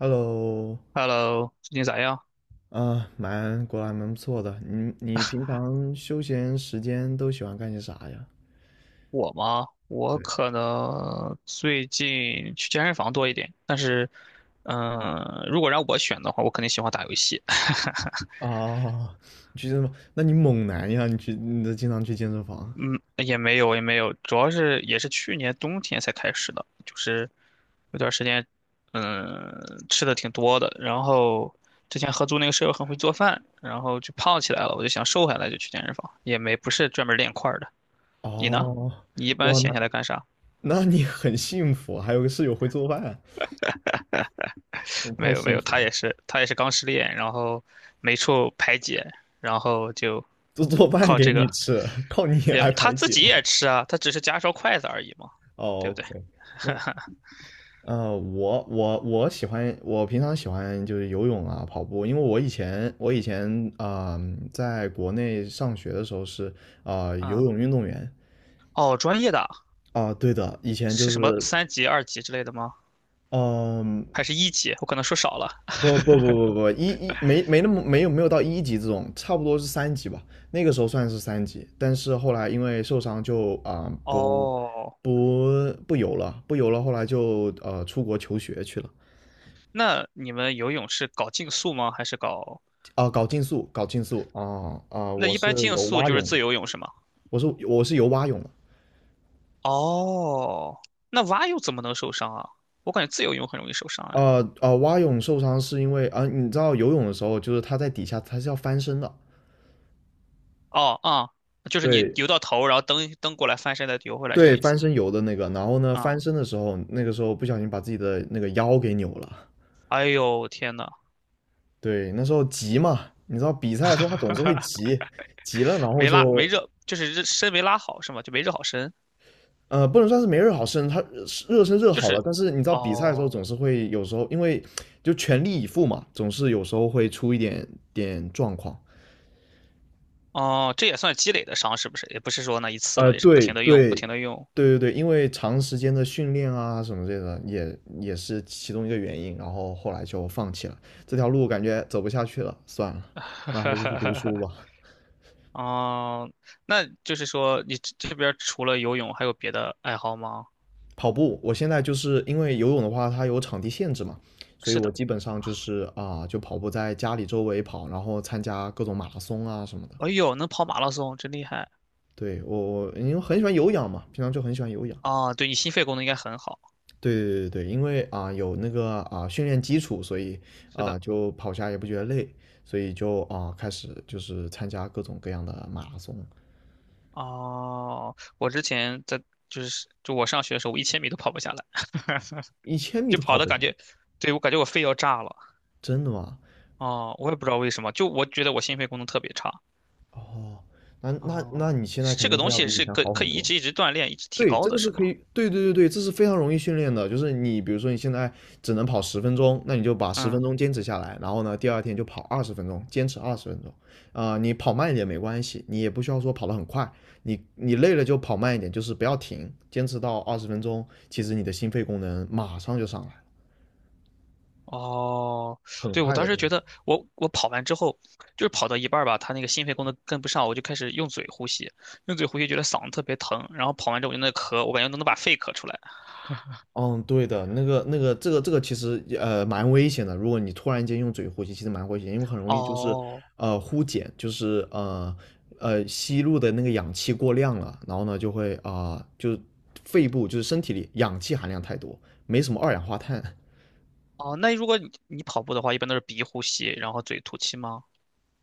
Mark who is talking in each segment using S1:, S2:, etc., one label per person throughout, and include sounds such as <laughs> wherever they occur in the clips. S1: Hello，
S2: Hello，最近咋样？
S1: 蛮果然蛮不错的。你平常休闲时间都喜欢干些啥呀？
S2: 我吗？我
S1: 对，
S2: 可能最近去健身房多一点，但是，如果让我选的话，我肯定喜欢打游戏。<laughs>
S1: 哦，你去健身房？那你猛男呀？你去，你都经常去健身房？
S2: 嗯，也没有，也没有，主要是也是去年冬天才开始的，就是有段时间，嗯，吃的挺多的，然后之前合租那个舍友很会做饭，然后就胖起来了，我就想瘦下来，就去健身房，也没不是专门练块儿的。你呢？
S1: 哦，
S2: 你一般
S1: 哇，
S2: 闲下
S1: 那
S2: 来干啥？
S1: <laughs> 那你很幸福啊，还有个室友会做饭，那
S2: 没
S1: 太
S2: 有没
S1: 幸
S2: 有，
S1: 福
S2: 他
S1: 了，
S2: 也是他也是刚失恋，然后没处排解，然后就
S1: 做饭
S2: 靠
S1: 给
S2: 这个
S1: 你吃，<laughs> 靠你
S2: 也
S1: 来
S2: 他
S1: 排
S2: 自
S1: 解
S2: 己
S1: 吗？
S2: 也吃啊，他只是夹双筷子而已嘛，
S1: 哦
S2: 对不对？
S1: ，OK，那我喜欢，我平常喜欢就是游泳啊、跑步，因为我以前在国内上学的时候是
S2: 嗯，
S1: 游泳运动员。
S2: 哦，专业的啊
S1: 对的，以前
S2: 是
S1: 就
S2: 什么
S1: 是
S2: 三级、二级之类的吗？
S1: 嗯、
S2: 还是一级？我可能说少了。
S1: 不没没那么没有到一级这种，差不多是三级吧，那个时候算是三级，但是后来因为受伤就
S2: 哦，
S1: 不游了，后来就出国求学去了。
S2: 那你们游泳是搞竞速吗？还是搞？
S1: 搞竞速，
S2: 那
S1: 我
S2: 一
S1: 是
S2: 般竞
S1: 游
S2: 速
S1: 蛙
S2: 就是
S1: 泳。
S2: 自由泳是吗？
S1: 我是游蛙泳的。
S2: 哦，那蛙泳怎么能受伤啊？我感觉自由泳很容易受伤哎。
S1: 蛙泳受伤是因为你知道游泳的时候，就是它在底下它是要翻身的，
S2: 哦，就是你
S1: 对。
S2: 游到头，然后蹬蹬过来，翻身再游回来，是这
S1: 对，
S2: 个意
S1: 翻
S2: 思吗？
S1: 身游的那个。然后呢，翻
S2: 啊、
S1: 身的时候，那个时候不小心把自己的那个腰给扭了。
S2: 哎呦天呐，
S1: 对，那时候急嘛，你知道比赛的时候他总是会急，急了然后
S2: 没拉没
S1: 就
S2: 热，就是热身没拉好是吗？就没热好身，
S1: 不能算是没热好身，他热身热
S2: 就
S1: 好了，
S2: 是，
S1: 但是你知道比赛的时
S2: 哦
S1: 候总是会有时候因为就全力以赴嘛，总是有时候会出点状况。
S2: 哦，这也算积累的伤是不是？也不是说那一次
S1: 呃，
S2: 了，也是不
S1: 对
S2: 停的用，不
S1: 对
S2: 停的用。
S1: 对。因为长时间的训练啊什么这个，也是其中一个原因，然后后来就放弃了这条路，感觉走不下去了，算了，那还是去读书
S2: <laughs>
S1: 吧。
S2: 哦，那就是说你这边除了游泳还有别的爱好吗？
S1: 跑步，我现在就是因为游泳的话，它有场地限制嘛，所以
S2: 是
S1: 我
S2: 的，
S1: 基本上就是就跑步在家里周围跑，然后参加各种马拉松啊什么的。
S2: 哎呦，能跑马拉松，真厉害
S1: 对，我因为很喜欢有氧嘛，平常就很喜欢有氧。
S2: 啊！对你心肺功能应该很好。
S1: 对对对对，因为有那个训练基础，所以
S2: 是的。
S1: 就跑下也不觉得累，所以就开始就是参加各种各样的马拉松，
S2: 哦，我之前在就是就我上学的时候，我1000米都跑不下来，
S1: 一千米
S2: 就
S1: 都
S2: 跑
S1: 跑
S2: 的
S1: 不
S2: 感
S1: 上，
S2: 觉，对，我感觉我肺要炸了。
S1: 真的吗？
S2: 哦，我也不知道为什么，就我觉得我心肺功能特别差。
S1: 哦，那
S2: 哦，
S1: 你现在
S2: 是
S1: 肯
S2: 这个
S1: 定是
S2: 东
S1: 要
S2: 西
S1: 比以
S2: 是
S1: 前
S2: 可
S1: 好
S2: 可
S1: 很
S2: 以一
S1: 多。
S2: 直一直锻炼，一直提
S1: 对，
S2: 高
S1: 这个
S2: 的，
S1: 是
S2: 是吗？
S1: 可以，对对对对，这是非常容易训练的。就是你比如说你现在只能跑十分钟，那你就把十分
S2: 嗯，
S1: 钟坚持下来，然后呢，第二天就跑二十分钟，坚持二十分钟。你跑慢一点没关系，你也不需要说跑得很快，你你累了就跑慢一点，就是不要停，坚持到二十分钟，其实你的心肺功能马上就上来了，
S2: 哦，
S1: 很
S2: 对，我
S1: 快
S2: 当
S1: 的。
S2: 时觉得我跑完之后，就是跑到一半儿吧，他那个心肺功能跟不上，我就开始用嘴呼吸，用嘴呼吸觉得嗓子特别疼，然后跑完之后我就那咳，我感觉都能把肺咳出来。
S1: 嗯，对的，这个其实也蛮危险的。如果你突然间用嘴呼吸，其实蛮危险，因为很容易就是
S2: 哦，
S1: 呼碱，就是吸入的那个氧气过量了，然后呢就会就肺部就是身体里氧气含量太多，没什么二氧化碳。
S2: 哦，那如果你跑步的话，一般都是鼻呼吸，然后嘴吐气吗？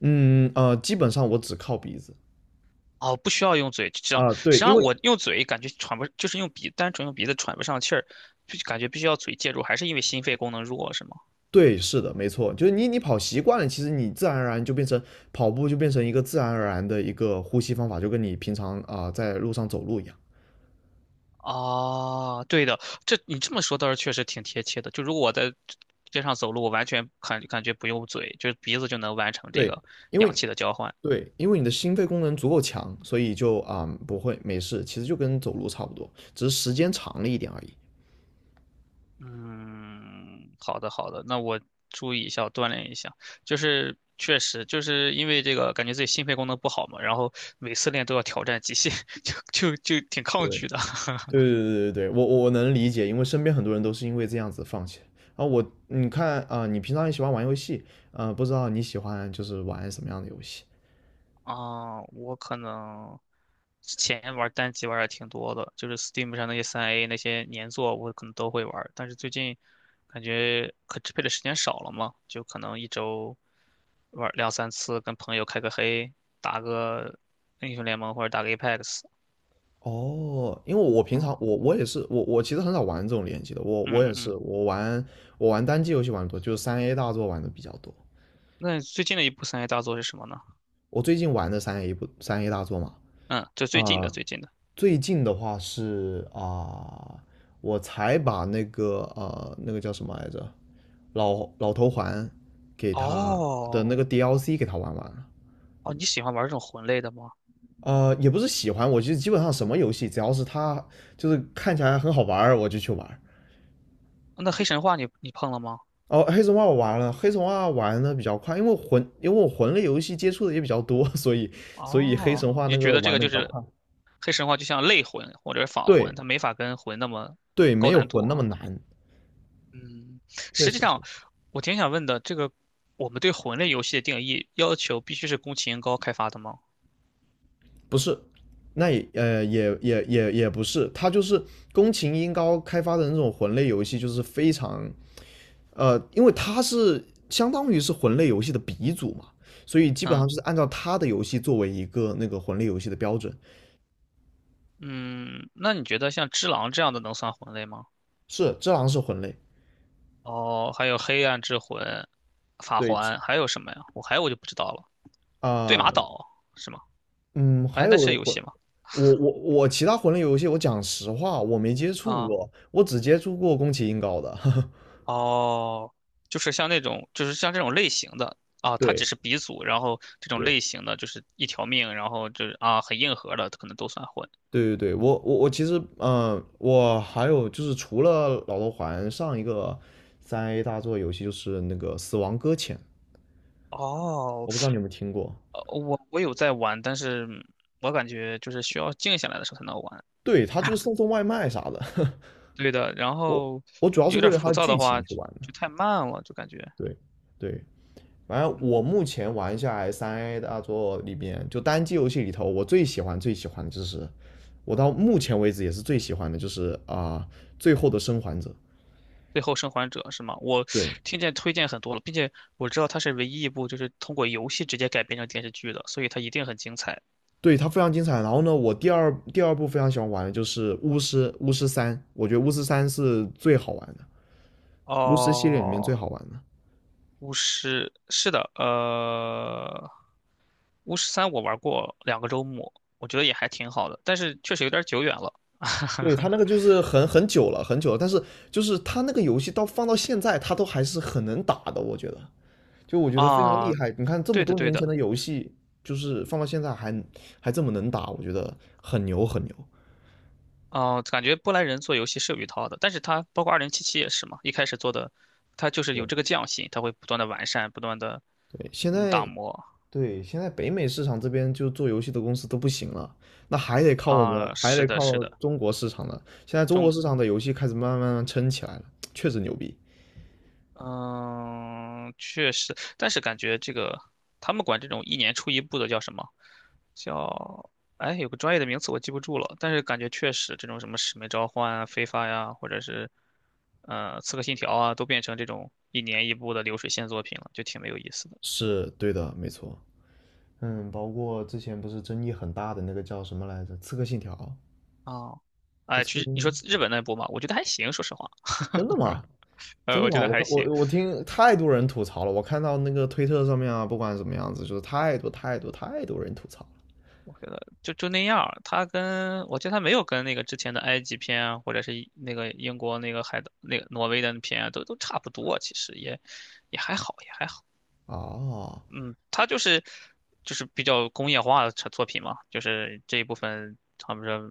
S1: 基本上我只靠鼻子。
S2: 哦，不需要用嘴，这样实际
S1: 对，因
S2: 上
S1: 为
S2: 我用嘴感觉喘不，就是用鼻，单纯用鼻子喘不上气儿，就感觉必须要嘴介入，还是因为心肺功能弱，是吗？
S1: 对，是的，没错，就是你你跑习惯了，其实你自然而然就变成跑步就变成一个自然而然的一个呼吸方法，就跟你平常在路上走路一样。
S2: 啊，对的，这你这么说倒是确实挺贴切的。就如果我在街上走路，我完全感觉不用嘴，就是鼻子就能完成这
S1: 对，
S2: 个
S1: 因
S2: 氧
S1: 为
S2: 气的交换。
S1: 对，因为你的心肺功能足够强，所以就不会没事，其实就跟走路差不多，只是时间长了一点而已。
S2: 嗯，好的好的，那我注意一下，我锻炼一下。就是确实就是因为这个，感觉自己心肺功能不好嘛，然后每次练都要挑战极限，<laughs> 就挺
S1: 对，
S2: 抗
S1: 对
S2: 拒的。
S1: 对对。我能理解，因为身边很多人都是因为这样子放弃。啊，我你看你平常也喜欢玩游戏，啊，不知道你喜欢就是玩什么样的游戏？
S2: <laughs> 我可能之前玩单机玩的挺多的，就是 Steam 上那些三 A 那些年作，我可能都会玩。但是最近感觉可支配的时间少了嘛，就可能一周玩两三次，跟朋友开个黑，打个英雄联盟或者打个 Apex
S1: 哦，因为我平常
S2: 啊、
S1: 我也是我其实很少玩这种联机的，我
S2: 嗯
S1: 我
S2: 嗯
S1: 也
S2: 嗯，
S1: 是我玩单机游戏玩的多，就是三 A 大作玩的比较多。
S2: 那最近的一部三 A 大作是什么呢？
S1: 我最近玩的三 A 不三 A 大作嘛，
S2: 嗯，就最近的
S1: 啊、
S2: 最近的。
S1: 最近的话是呃我才把那个那个叫什么来着，老头环给他的
S2: 哦
S1: 那个 DLC 给他玩完了。
S2: 哦，你喜欢玩这种魂类的吗？
S1: 也不是喜欢，我就基本上什么游戏，只要是他就是看起来很好玩儿，我就去玩
S2: 那黑神话你碰了吗？
S1: 儿。哦，黑神话我玩了，黑神话玩的比较快，因为魂，因为我魂类游戏接触的也比较多，<laughs> 所以黑
S2: 哦，
S1: 神话
S2: 你
S1: 那
S2: 觉
S1: 个
S2: 得这
S1: 玩
S2: 个
S1: 的
S2: 就
S1: 比较
S2: 是
S1: 快。
S2: 黑神话就像类魂或者是仿魂，
S1: 对
S2: 它没法跟魂那么
S1: 对，
S2: 高
S1: 没有
S2: 难度
S1: 魂那么
S2: 啊。
S1: 难，
S2: 嗯，
S1: 确
S2: 实际
S1: 实是。
S2: 上我挺想问的，这个我们对魂类游戏的定义要求必须是宫崎英高开发的吗？
S1: 不是，那也也不是，他就是宫崎英高开发的那种魂类游戏，就是非常因为他是相当于是魂类游戏的鼻祖嘛，所以基本上
S2: 嗯
S1: 就是按照他的游戏作为一个那个魂类游戏的标准。
S2: 嗯，那你觉得像《只狼》这样的能算魂类吗？
S1: 是，《只狼》是魂类，
S2: 哦，还有黑暗之魂、法
S1: 对。
S2: 环，还有什么呀？我还有我就不知道了。对
S1: 啊、
S2: 马岛是吗？
S1: 嗯，还
S2: 哎，那是
S1: 有
S2: 游
S1: 魂。
S2: 戏吗？
S1: 我其他魂类游戏，我讲实话，我没接触
S2: 啊，
S1: 过，我只接触过宫崎英高的。<laughs>
S2: 哦，就是像那种，就是像这种类型的啊，它只
S1: 对
S2: 是鼻祖，然后这种
S1: 对，
S2: 类型的就是一条命，然后就是啊很硬核的，可能都算混。
S1: 对对对，我其实，嗯，我还有就是除了老头环，上一个三 A 大作游戏就是那个《死亡搁浅》，
S2: 哦，
S1: 我不知道你有没有听过。
S2: 我有在玩，但是我感觉就是需要静下来的时候才能玩。
S1: 对，他就是送外卖啥的。<laughs>
S2: 对的，然
S1: 我
S2: 后
S1: 我主要是
S2: 有点
S1: 为了他
S2: 浮
S1: 的
S2: 躁
S1: 剧
S2: 的
S1: 情
S2: 话，
S1: 去
S2: 就
S1: 玩的。
S2: 就太慢了，就感觉
S1: 对对，反正我
S2: 嗯。
S1: 目前玩下来三 A 大作里边，就单机游戏里头，我最喜欢最喜欢的就是，我到目前为止也是最喜欢的就是最后的生还者》。
S2: 最后生还者是吗？我
S1: 对，
S2: <sucks teeth> 听见推荐很多了，并且我知道它是唯一一部就是通过游戏直接改编成电视剧的，所以它一定很精彩。
S1: 对，它非常精彩。然后呢，我第二部非常喜欢玩的就是巫师，巫师三，我觉得巫师三是最好玩的，巫师系列里面最
S2: 哦，
S1: 好玩的。
S2: 巫师是的，巫师三我玩过2个周末，我觉得也还挺好的，但是确实有点久远了
S1: 对，它那个就是很久了，很久了，但是就是它那个游戏到放到现在，它都还是很能打的，我觉得，就我觉得非常
S2: 啊。
S1: 厉害。你看这么
S2: 对的，
S1: 多
S2: 对
S1: 年前
S2: 的，
S1: 的游戏，就是放到现在还这么能打，我觉得很牛很牛。
S2: 啊，感觉波兰人做游戏是有一套的，但是他包括2077也是嘛，一开始做的，他就是有
S1: 对
S2: 这个匠心，他会不断的完善，不断的
S1: 对，现
S2: 打
S1: 在
S2: 磨。
S1: 对，现在北美市场这边就做游戏的公司都不行了，那还得靠我们，
S2: 啊，
S1: 还
S2: 是
S1: 得
S2: 的，是
S1: 靠
S2: 的，
S1: 中国市场呢。现在中国
S2: 中
S1: 市场的游戏开始慢慢撑起来了，确实牛逼。
S2: 嗯，确实，但是感觉这个他们管这种一年出一部的叫什么？叫哎，有个专业的名词我记不住了，但是感觉确实这种什么《使命召唤》啊、《非法》呀，或者是《刺客信条》啊，都变成这种一年一部的流水线作品了，就挺没有意思的。
S1: 是对的，没错。
S2: 嗯，
S1: 嗯，包括之前不是争议很大的那个叫什么来着，《刺客信条》，
S2: 哦，
S1: 就
S2: 哎，
S1: 刺
S2: 其
S1: 客
S2: 实
S1: 信
S2: 你说
S1: 条，
S2: 日本那部嘛，我觉得还行，说实话，
S1: 真的吗？真的
S2: 我觉
S1: 吗？
S2: 得
S1: 我
S2: 还
S1: 看我
S2: 行。
S1: 我听太多人吐槽了，我看到那个推特上面啊，不管什么样子，就是太多人吐槽了。
S2: 我觉得就那样儿他跟我觉得他没有跟那个之前的埃及片啊，或者是一那个英国那个海的那个挪威的片啊，都差不多，其实也还好，也还好。
S1: 啊
S2: 嗯，他就是比较工业化的产作品嘛，就是这一部分他们说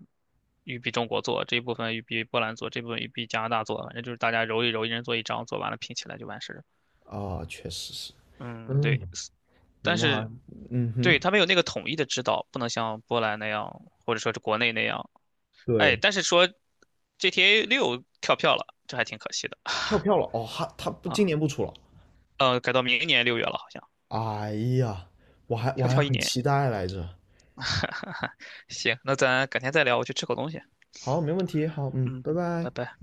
S2: 玉比中国做，这一部分玉比波兰做，这部分玉比加拿大做，反正就是大家揉一揉，一人做一张，做完了拼起来就完事儿。
S1: 啊，确实是。哎，
S2: 嗯，对，但
S1: 明白。
S2: 是
S1: 嗯
S2: 对
S1: 哼。
S2: 他没有那个统一的指导，不能像波兰那样，或者说是国内那样。哎，
S1: 对，
S2: 但是说 GTA6跳票了，这还挺可惜的
S1: 跳票了哦，他不今
S2: 啊。
S1: 年不出了。
S2: 改到明年6月了，好像
S1: 哎呀，我
S2: 要
S1: 还
S2: 跳一
S1: 很
S2: 年。
S1: 期待来着。
S2: 行，那咱改天再聊，我去吃口东西。
S1: 好，没问题，好，嗯，
S2: 嗯，
S1: 拜拜。
S2: 拜拜。